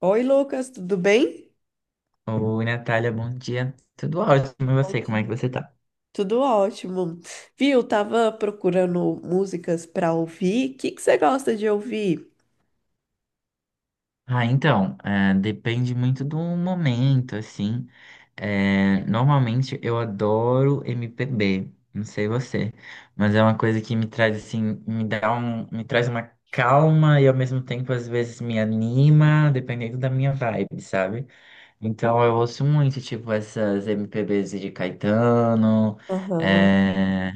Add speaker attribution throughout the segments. Speaker 1: Oi, Lucas, tudo bem?
Speaker 2: Oi, Natália, bom dia. Tudo ótimo, e você? Como é que
Speaker 1: Ótimo.
Speaker 2: você tá?
Speaker 1: Tudo ótimo. Viu, tava procurando músicas para ouvir. O que que você gosta de ouvir?
Speaker 2: Ah, então, é, depende muito do momento, assim. É, normalmente eu adoro MPB, não sei você, mas é uma coisa que me traz, assim, me dá um, me traz uma calma e ao mesmo tempo às vezes me anima, dependendo da minha vibe, sabe? Então eu ouço muito, tipo, essas MPBs de Caetano,
Speaker 1: Aham.
Speaker 2: é,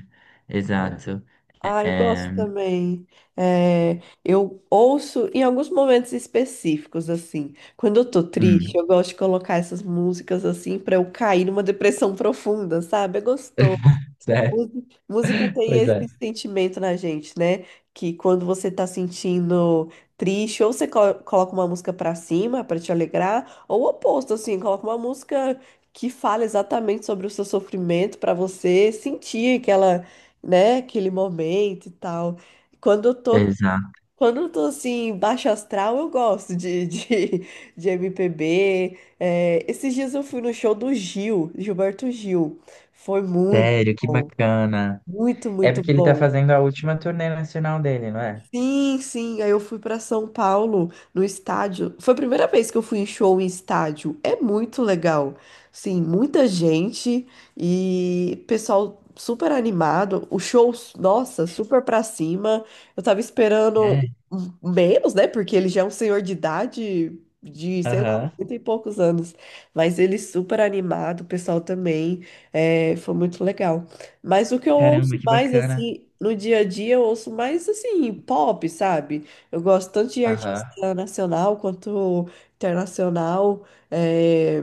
Speaker 2: exato.
Speaker 1: Ah, eu gosto
Speaker 2: É,
Speaker 1: também. É, eu ouço em alguns momentos específicos, assim. Quando eu tô triste,
Speaker 2: hum,
Speaker 1: eu gosto de colocar essas músicas assim para eu cair numa depressão profunda, sabe? É gostoso. Música tem
Speaker 2: Pois é.
Speaker 1: esse sentimento na gente, né? Que quando você tá sentindo triste, ou você coloca uma música pra cima pra te alegrar, ou o oposto, assim, coloca uma música que fala exatamente sobre o seu sofrimento pra você sentir aquela, né, aquele momento e tal. Quando eu tô,
Speaker 2: Exato.
Speaker 1: quando eu tô assim, baixo astral, eu gosto de, de MPB. É, esses dias eu fui no show do Gilberto Gil. Foi muito
Speaker 2: Sério, que
Speaker 1: bom.
Speaker 2: bacana.
Speaker 1: Muito,
Speaker 2: É
Speaker 1: muito
Speaker 2: porque ele tá
Speaker 1: bom.
Speaker 2: fazendo a última turnê nacional dele, não é?
Speaker 1: Sim, sim. Aí eu fui para São Paulo no estádio. Foi a primeira vez que eu fui em show em estádio. É muito legal. Sim, muita gente e pessoal super animado. O show, nossa, super pra cima. Eu tava esperando
Speaker 2: É.
Speaker 1: menos, né? Porque ele já é um senhor de idade de, sei lá,
Speaker 2: Aham.
Speaker 1: 80 e poucos anos. Mas ele super animado, o pessoal também. É, foi muito legal. Mas o que eu ouço
Speaker 2: Caramba, que
Speaker 1: mais,
Speaker 2: bacana.
Speaker 1: assim, no dia a dia, eu ouço mais, assim, pop, sabe? Eu gosto tanto de
Speaker 2: Aham.
Speaker 1: artista nacional quanto internacional. É,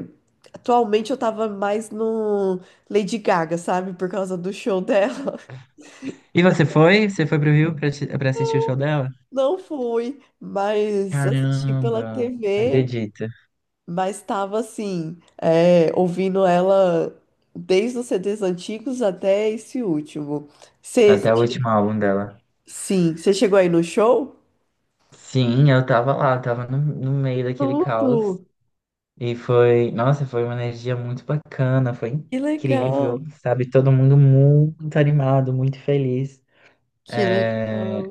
Speaker 1: Atualmente eu tava mais no Lady Gaga, sabe? Por causa do show dela.
Speaker 2: E você foi? Você foi pro Rio pra assistir o show dela?
Speaker 1: Não fui, mas assisti pela
Speaker 2: Caramba, não
Speaker 1: TV,
Speaker 2: acredito.
Speaker 1: mas tava, assim, ouvindo ela desde os CDs antigos até esse último. Cê...
Speaker 2: Até o último álbum dela.
Speaker 1: Sim, você chegou aí no show?
Speaker 2: Sim, eu tava lá, tava no meio daquele caos.
Speaker 1: Tudo!
Speaker 2: E foi, nossa, foi uma energia muito bacana, foi
Speaker 1: Que
Speaker 2: incrível,
Speaker 1: legal!
Speaker 2: sabe? Todo mundo muito animado, muito feliz.
Speaker 1: Que legal!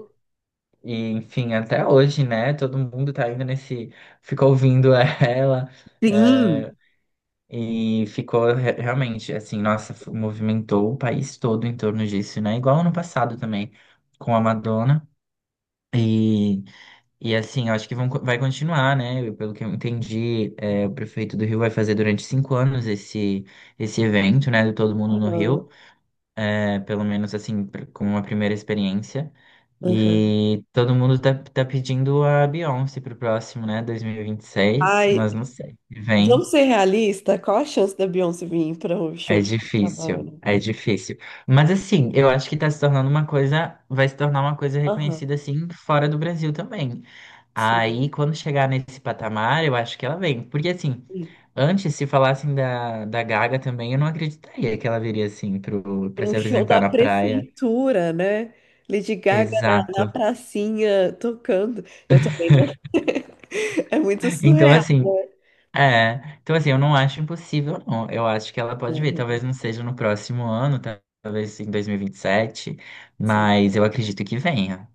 Speaker 2: E, enfim, até hoje, né? Todo mundo tá indo nesse. Ficou ouvindo ela.
Speaker 1: Sim.
Speaker 2: É, e ficou realmente, assim, nossa, movimentou o país todo em torno disso, né? Igual ano passado também, com a Madonna. E, e assim, eu acho que vai continuar, né? Pelo que eu entendi, é, o prefeito do Rio vai fazer durante 5 anos esse, esse evento, né? Do Todo Mundo no
Speaker 1: Aham,
Speaker 2: Rio é, pelo menos assim, como uma primeira experiência.
Speaker 1: aham.
Speaker 2: E todo mundo tá pedindo a Beyoncé pro próximo, né? 2026,
Speaker 1: Ai,
Speaker 2: mas não sei.
Speaker 1: vamos
Speaker 2: Vem.
Speaker 1: ser realistas? Qual a chance da Beyoncé vir para um show
Speaker 2: É
Speaker 1: de
Speaker 2: difícil,
Speaker 1: Copacabana?
Speaker 2: é difícil. Mas assim, eu acho que tá se tornando uma coisa, vai se tornar uma coisa
Speaker 1: Aham,
Speaker 2: reconhecida assim fora do Brasil também.
Speaker 1: sim.
Speaker 2: Aí, quando chegar nesse patamar, eu acho que ela vem. Porque assim,
Speaker 1: Sim.
Speaker 2: antes, se falassem da Gaga também, eu não acreditaria que ela viria assim pra
Speaker 1: Para um
Speaker 2: se
Speaker 1: show
Speaker 2: apresentar
Speaker 1: da
Speaker 2: na praia.
Speaker 1: prefeitura, né? Lady Gaga
Speaker 2: Exato.
Speaker 1: na pracinha tocando. Eu também não. É muito
Speaker 2: Então,
Speaker 1: surreal,
Speaker 2: assim,
Speaker 1: né?
Speaker 2: é. Então, assim, eu não acho impossível, não. Eu acho que ela pode vir.
Speaker 1: Aham,
Speaker 2: Talvez não seja no próximo ano, talvez em dois mil e vinte e sete.
Speaker 1: sim.
Speaker 2: Mas eu acredito que venha.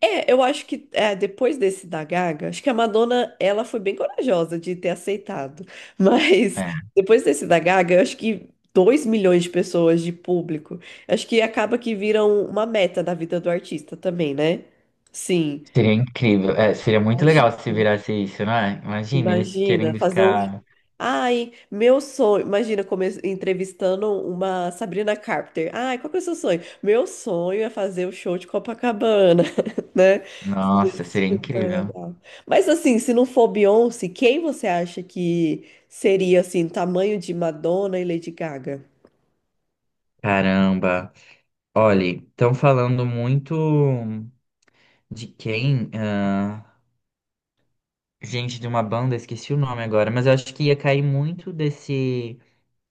Speaker 1: Eu acho que é, depois desse da Gaga, acho que a Madonna, ela foi bem corajosa de ter aceitado. Mas
Speaker 2: É.
Speaker 1: depois desse da Gaga, eu acho que 2 milhões de pessoas de público, acho que acaba que viram uma meta da vida do artista também, né? Sim.
Speaker 2: Seria incrível. É, seria muito legal se
Speaker 1: Imagina.
Speaker 2: virasse isso, não é? Imagina eles
Speaker 1: Imagina,
Speaker 2: querendo
Speaker 1: fazer um.
Speaker 2: ficar.
Speaker 1: Ai, meu sonho. Imagina come... entrevistando uma Sabrina Carpenter. Ai, qual que é o seu sonho? Meu sonho é fazer o show de Copacabana, né? Seria
Speaker 2: Nossa, seria
Speaker 1: super
Speaker 2: incrível.
Speaker 1: legal. Mas assim, se não for Beyoncé, quem você acha que seria assim, tamanho de Madonna e Lady Gaga?
Speaker 2: Caramba. Olha, estão falando muito de quem? Ah, gente de uma banda, esqueci o nome agora, mas eu acho que ia cair muito desse,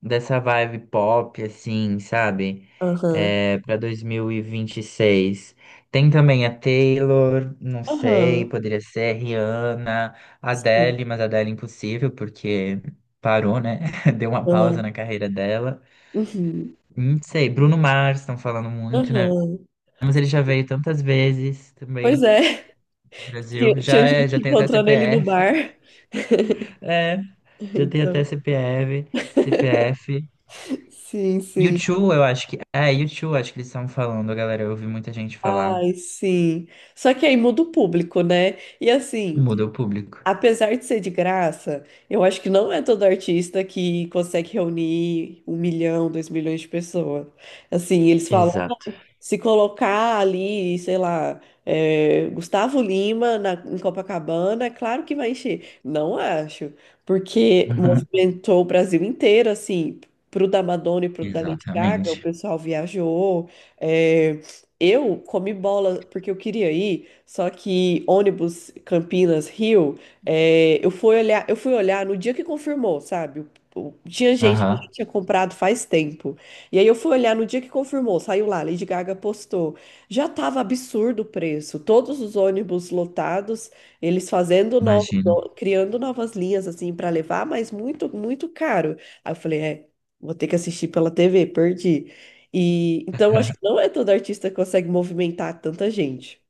Speaker 2: dessa vibe pop, assim, sabe?
Speaker 1: Aham.
Speaker 2: É, para dois mil e vinte e seis. Tem também a Taylor, não sei,
Speaker 1: Aham.
Speaker 2: poderia ser Rihanna,
Speaker 1: Sim.
Speaker 2: Adele, mas Adele é impossível, porque parou, né? Deu uma pausa
Speaker 1: Aham.
Speaker 2: na carreira dela.
Speaker 1: Uhum.
Speaker 2: Não sei, Bruno Mars, estão falando muito, né?
Speaker 1: Aham.
Speaker 2: Mas ele já veio tantas vezes
Speaker 1: Pois
Speaker 2: também
Speaker 1: é,
Speaker 2: no
Speaker 1: tinha
Speaker 2: Brasil. Já,
Speaker 1: tinha
Speaker 2: é,
Speaker 1: gente
Speaker 2: já tem até
Speaker 1: encontrando ele no
Speaker 2: CPF.
Speaker 1: bar.
Speaker 2: É, já tem até
Speaker 1: Então.
Speaker 2: CPF. CPF.
Speaker 1: Sim, sim.
Speaker 2: YouTube, eu acho que. É, YouTube, acho que eles estão falando, galera. Eu ouvi muita gente falar.
Speaker 1: Ai, sim. Só que aí muda o público, né? E assim,
Speaker 2: Muda o público.
Speaker 1: apesar de ser de graça, eu acho que não é todo artista que consegue reunir 1 milhão, 2 milhões de pessoas. Assim, eles falam.
Speaker 2: Exato.
Speaker 1: Se colocar ali, sei lá, é, Gustavo Lima em Copacabana, é claro que vai encher. Não acho, porque
Speaker 2: Uhum.
Speaker 1: movimentou o Brasil inteiro, assim, pro da Madonna e pro da Lady Gaga, o
Speaker 2: Exatamente.
Speaker 1: pessoal viajou. É, eu comi bola porque eu queria ir, só que ônibus Campinas, Rio, é, eu fui olhar no dia que confirmou, sabe? Tinha gente que
Speaker 2: Aham,
Speaker 1: já tinha comprado faz tempo. E aí eu fui olhar no dia que confirmou, saiu lá, Lady Gaga postou. Já tava absurdo o preço, todos os ônibus lotados, eles fazendo novos,
Speaker 2: imagino.
Speaker 1: criando novas linhas assim para levar, mas muito, muito caro. Aí eu falei, é, vou ter que assistir pela TV, perdi. E então acho que não é todo artista que consegue movimentar tanta gente,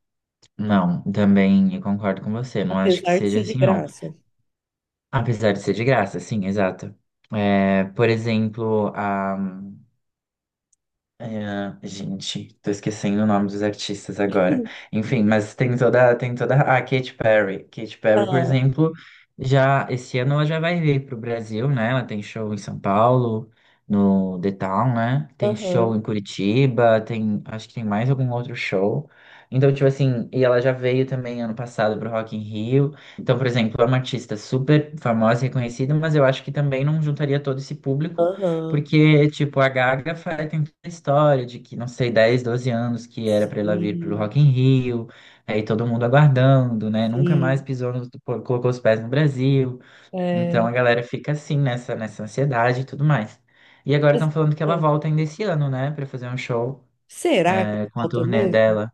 Speaker 2: Não, também eu concordo com você. Não acho que
Speaker 1: apesar de
Speaker 2: seja
Speaker 1: ser de
Speaker 2: assim, não.
Speaker 1: graça.
Speaker 2: Apesar de ser de graça, sim, exato. É, por exemplo, a é, gente, tô esquecendo o nome dos artistas agora. Enfim, mas tem toda. Ah, Katy Perry. Katy Perry, por
Speaker 1: Ah,
Speaker 2: exemplo, já esse ano ela já vai vir pro Brasil, né? Ela tem show em São Paulo, no The Town, né? Tem
Speaker 1: aham,
Speaker 2: show em Curitiba, tem, acho que tem mais algum outro show. Então, tipo assim, e ela já veio também ano passado pro Rock in Rio. Então, por exemplo, é uma artista super famosa e reconhecida, mas eu acho que também não juntaria todo esse público.
Speaker 1: aham.
Speaker 2: Porque, tipo, a Gaga faz, tem toda a história de que, não sei, 10 12 anos que era pra ela vir pro
Speaker 1: Sim,
Speaker 2: Rock in Rio, aí todo mundo aguardando, né? Nunca mais
Speaker 1: sim.
Speaker 2: pisou, no, pô, colocou os pés no Brasil. Então
Speaker 1: É.
Speaker 2: a galera fica assim, nessa ansiedade e tudo mais. E agora
Speaker 1: Mas,
Speaker 2: estão falando que ela
Speaker 1: é,
Speaker 2: volta ainda esse ano, né? Pra fazer um show,
Speaker 1: será que
Speaker 2: é, com a
Speaker 1: falta
Speaker 2: turnê
Speaker 1: mesmo?
Speaker 2: dela.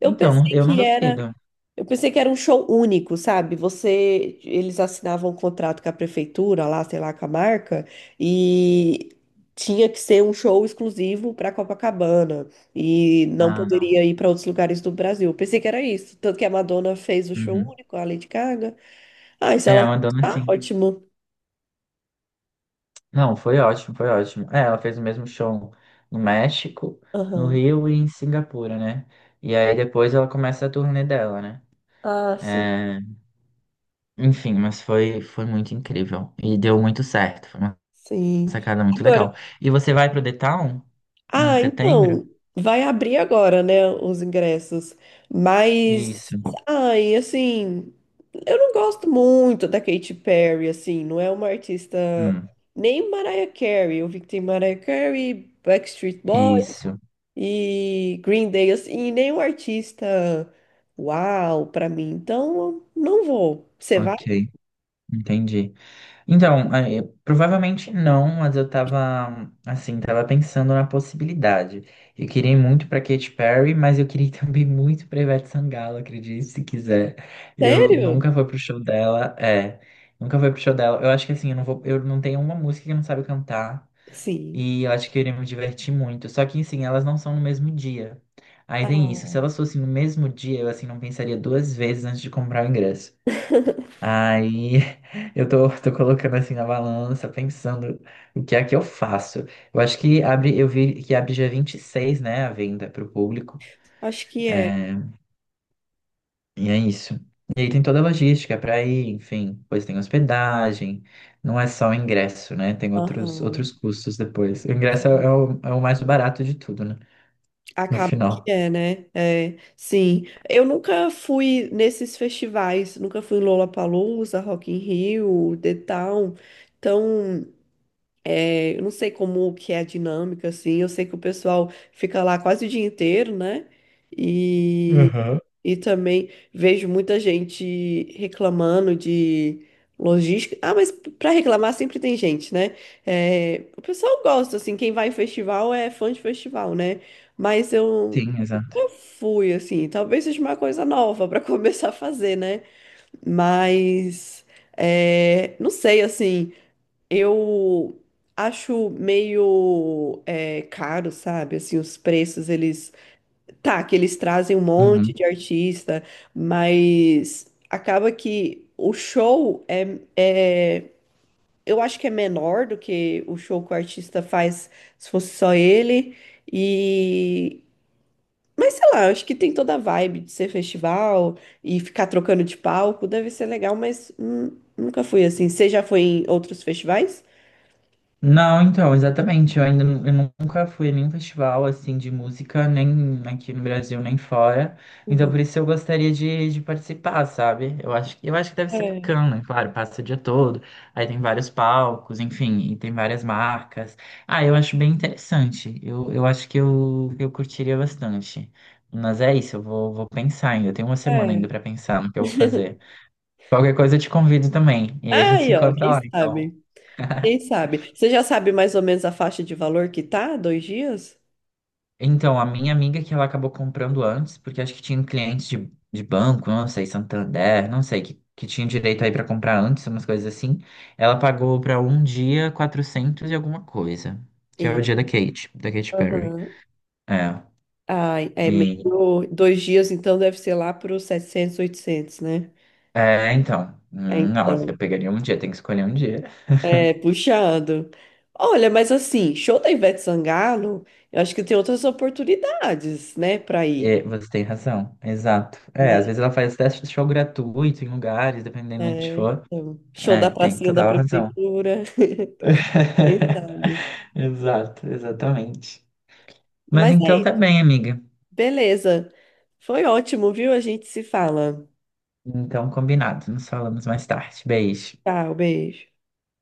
Speaker 1: Eu
Speaker 2: Então,
Speaker 1: pensei
Speaker 2: eu não
Speaker 1: que era,
Speaker 2: duvido.
Speaker 1: eu pensei que era um show único, sabe? Você, eles assinavam um contrato com a prefeitura, lá, sei lá, com a marca, e tinha que ser um show exclusivo para Copacabana e não
Speaker 2: Ah, não.
Speaker 1: poderia ir para outros lugares do Brasil. Eu pensei que era isso, tanto que a Madonna fez o show
Speaker 2: Uhum.
Speaker 1: único, a Lady Gaga. Ah, e se
Speaker 2: É,
Speaker 1: ela
Speaker 2: uma dona
Speaker 1: voltar,
Speaker 2: assim.
Speaker 1: ótimo.
Speaker 2: Não, foi ótimo, foi ótimo. É, ela fez o mesmo show no México, no
Speaker 1: Aham.
Speaker 2: Rio e em Singapura, né? E aí depois ela começa a turnê dela, né?
Speaker 1: Ah, sim.
Speaker 2: É, enfim, mas foi, foi muito incrível. E deu muito certo. Foi uma
Speaker 1: Sim.
Speaker 2: sacada muito legal.
Speaker 1: Agora
Speaker 2: E você vai pro The Town em
Speaker 1: ah,
Speaker 2: setembro?
Speaker 1: então, vai abrir agora, né, os ingressos. Mas,
Speaker 2: Isso.
Speaker 1: ai, assim, eu não gosto muito da Katy Perry, assim, não é uma artista
Speaker 2: Hum,
Speaker 1: nem Mariah Carey. Eu vi que tem Mariah Carey, Backstreet Boys
Speaker 2: isso.
Speaker 1: e Green Day, assim, e nenhum artista uau pra mim. Então, eu não vou. Você vai?
Speaker 2: Ok. Entendi. Então, é, provavelmente não, mas eu tava, assim, tava pensando na possibilidade. Eu queria ir muito pra Katy Perry, mas eu queria ir também muito pra Ivete Sangalo, acredite se quiser. Eu
Speaker 1: Sério?
Speaker 2: nunca fui pro show dela, é, nunca fui pro show dela. Eu acho que assim, eu não vou, eu não tenho uma música que eu não sabe cantar,
Speaker 1: Sim.
Speaker 2: e eu acho que eu iria me divertir muito. Só que, assim, elas não são no mesmo dia. Aí tem isso, se
Speaker 1: Ah,
Speaker 2: elas fossem no mesmo dia, eu, assim, não pensaria duas vezes antes de comprar o ingresso. Aí tô colocando assim na balança, pensando o que é que eu faço. Eu acho que abre, eu vi que abre dia 26, né, a venda para o público.
Speaker 1: acho que é.
Speaker 2: É, e é isso. E aí tem toda a logística para ir, enfim, depois tem hospedagem, não é só o ingresso, né? Tem
Speaker 1: Aham.
Speaker 2: outros custos depois. O ingresso é o, é o mais barato de tudo, né? No
Speaker 1: Acaba
Speaker 2: final.
Speaker 1: que é, né? É, sim. Eu nunca fui nesses festivais, nunca fui em Lollapalooza, Rock in Rio, The Town. Então, é, eu não sei como que é a dinâmica, assim. Eu sei que o pessoal fica lá quase o dia inteiro, né? E,
Speaker 2: Aham.
Speaker 1: e também vejo muita gente reclamando de logística. Ah, mas para reclamar sempre tem gente, né? É, o pessoal gosta, assim, quem vai em festival é fã de festival, né? Mas eu
Speaker 2: Sim, exato.
Speaker 1: eu fui, assim, talvez seja uma coisa nova para começar a fazer, né? Mas, é, não sei, assim, eu acho meio é, caro, sabe? Assim, os preços, eles... Tá, que eles trazem um monte
Speaker 2: Uhum.
Speaker 1: de artista, mas acaba que o show é... Eu acho que é menor do que o show que o artista faz se fosse só ele. E, mas sei lá, eu acho que tem toda a vibe de ser festival e ficar trocando de palco, deve ser legal, mas nunca fui assim. Você já foi em outros festivais?
Speaker 2: Não, então, exatamente. Eu ainda eu nunca fui a nenhum festival assim de música, nem aqui no Brasil, nem fora. Então,
Speaker 1: Uhum.
Speaker 2: por isso eu gostaria de participar, sabe? Eu acho, eu acho que deve ser
Speaker 1: É,
Speaker 2: bacana, claro, passa o dia todo, aí tem vários palcos, enfim, e tem várias marcas. Ah, eu acho bem interessante. Eu acho que eu curtiria bastante. Mas é isso, vou pensar ainda. Eu tenho uma semana ainda
Speaker 1: é.
Speaker 2: para pensar no que eu vou fazer. Qualquer coisa eu te convido também. E a gente se
Speaker 1: Aí, ó,
Speaker 2: encontra
Speaker 1: quem
Speaker 2: lá, então.
Speaker 1: sabe? Quem sabe? Você já sabe mais ou menos a faixa de valor que tá? Dois dias?
Speaker 2: Então, a minha amiga que ela acabou comprando antes, porque acho que tinha clientes de banco, não sei, Santander, não sei, que tinha direito aí pra comprar antes, umas coisas assim. Ela pagou pra um dia 400 e alguma coisa, que é o
Speaker 1: Ei.
Speaker 2: dia da Kate, da Katy Perry.
Speaker 1: Aham.
Speaker 2: É,
Speaker 1: Ai, é
Speaker 2: e,
Speaker 1: meio. Dois dias, então deve ser lá para os 700, 800, né?
Speaker 2: é, então,
Speaker 1: É,
Speaker 2: não,
Speaker 1: então.
Speaker 2: eu pegaria um dia, tem que escolher um dia.
Speaker 1: É, puxando. Olha, mas assim, show da Ivete Sangalo, eu acho que tem outras oportunidades, né, para ir,
Speaker 2: E você tem razão, exato. É, às
Speaker 1: né?
Speaker 2: vezes ela faz teste de show gratuito em lugares, dependendo de onde
Speaker 1: É,
Speaker 2: for.
Speaker 1: então, show da
Speaker 2: É, tem
Speaker 1: pracinha da
Speaker 2: total razão.
Speaker 1: prefeitura, quem sabe.
Speaker 2: Exato, exatamente. Mas
Speaker 1: Mas
Speaker 2: então
Speaker 1: é
Speaker 2: tá
Speaker 1: isso,
Speaker 2: bem, amiga.
Speaker 1: beleza. Foi ótimo, viu? A gente se fala.
Speaker 2: Então, combinado. Nos falamos mais tarde. Beijo.
Speaker 1: Tchau, beijo.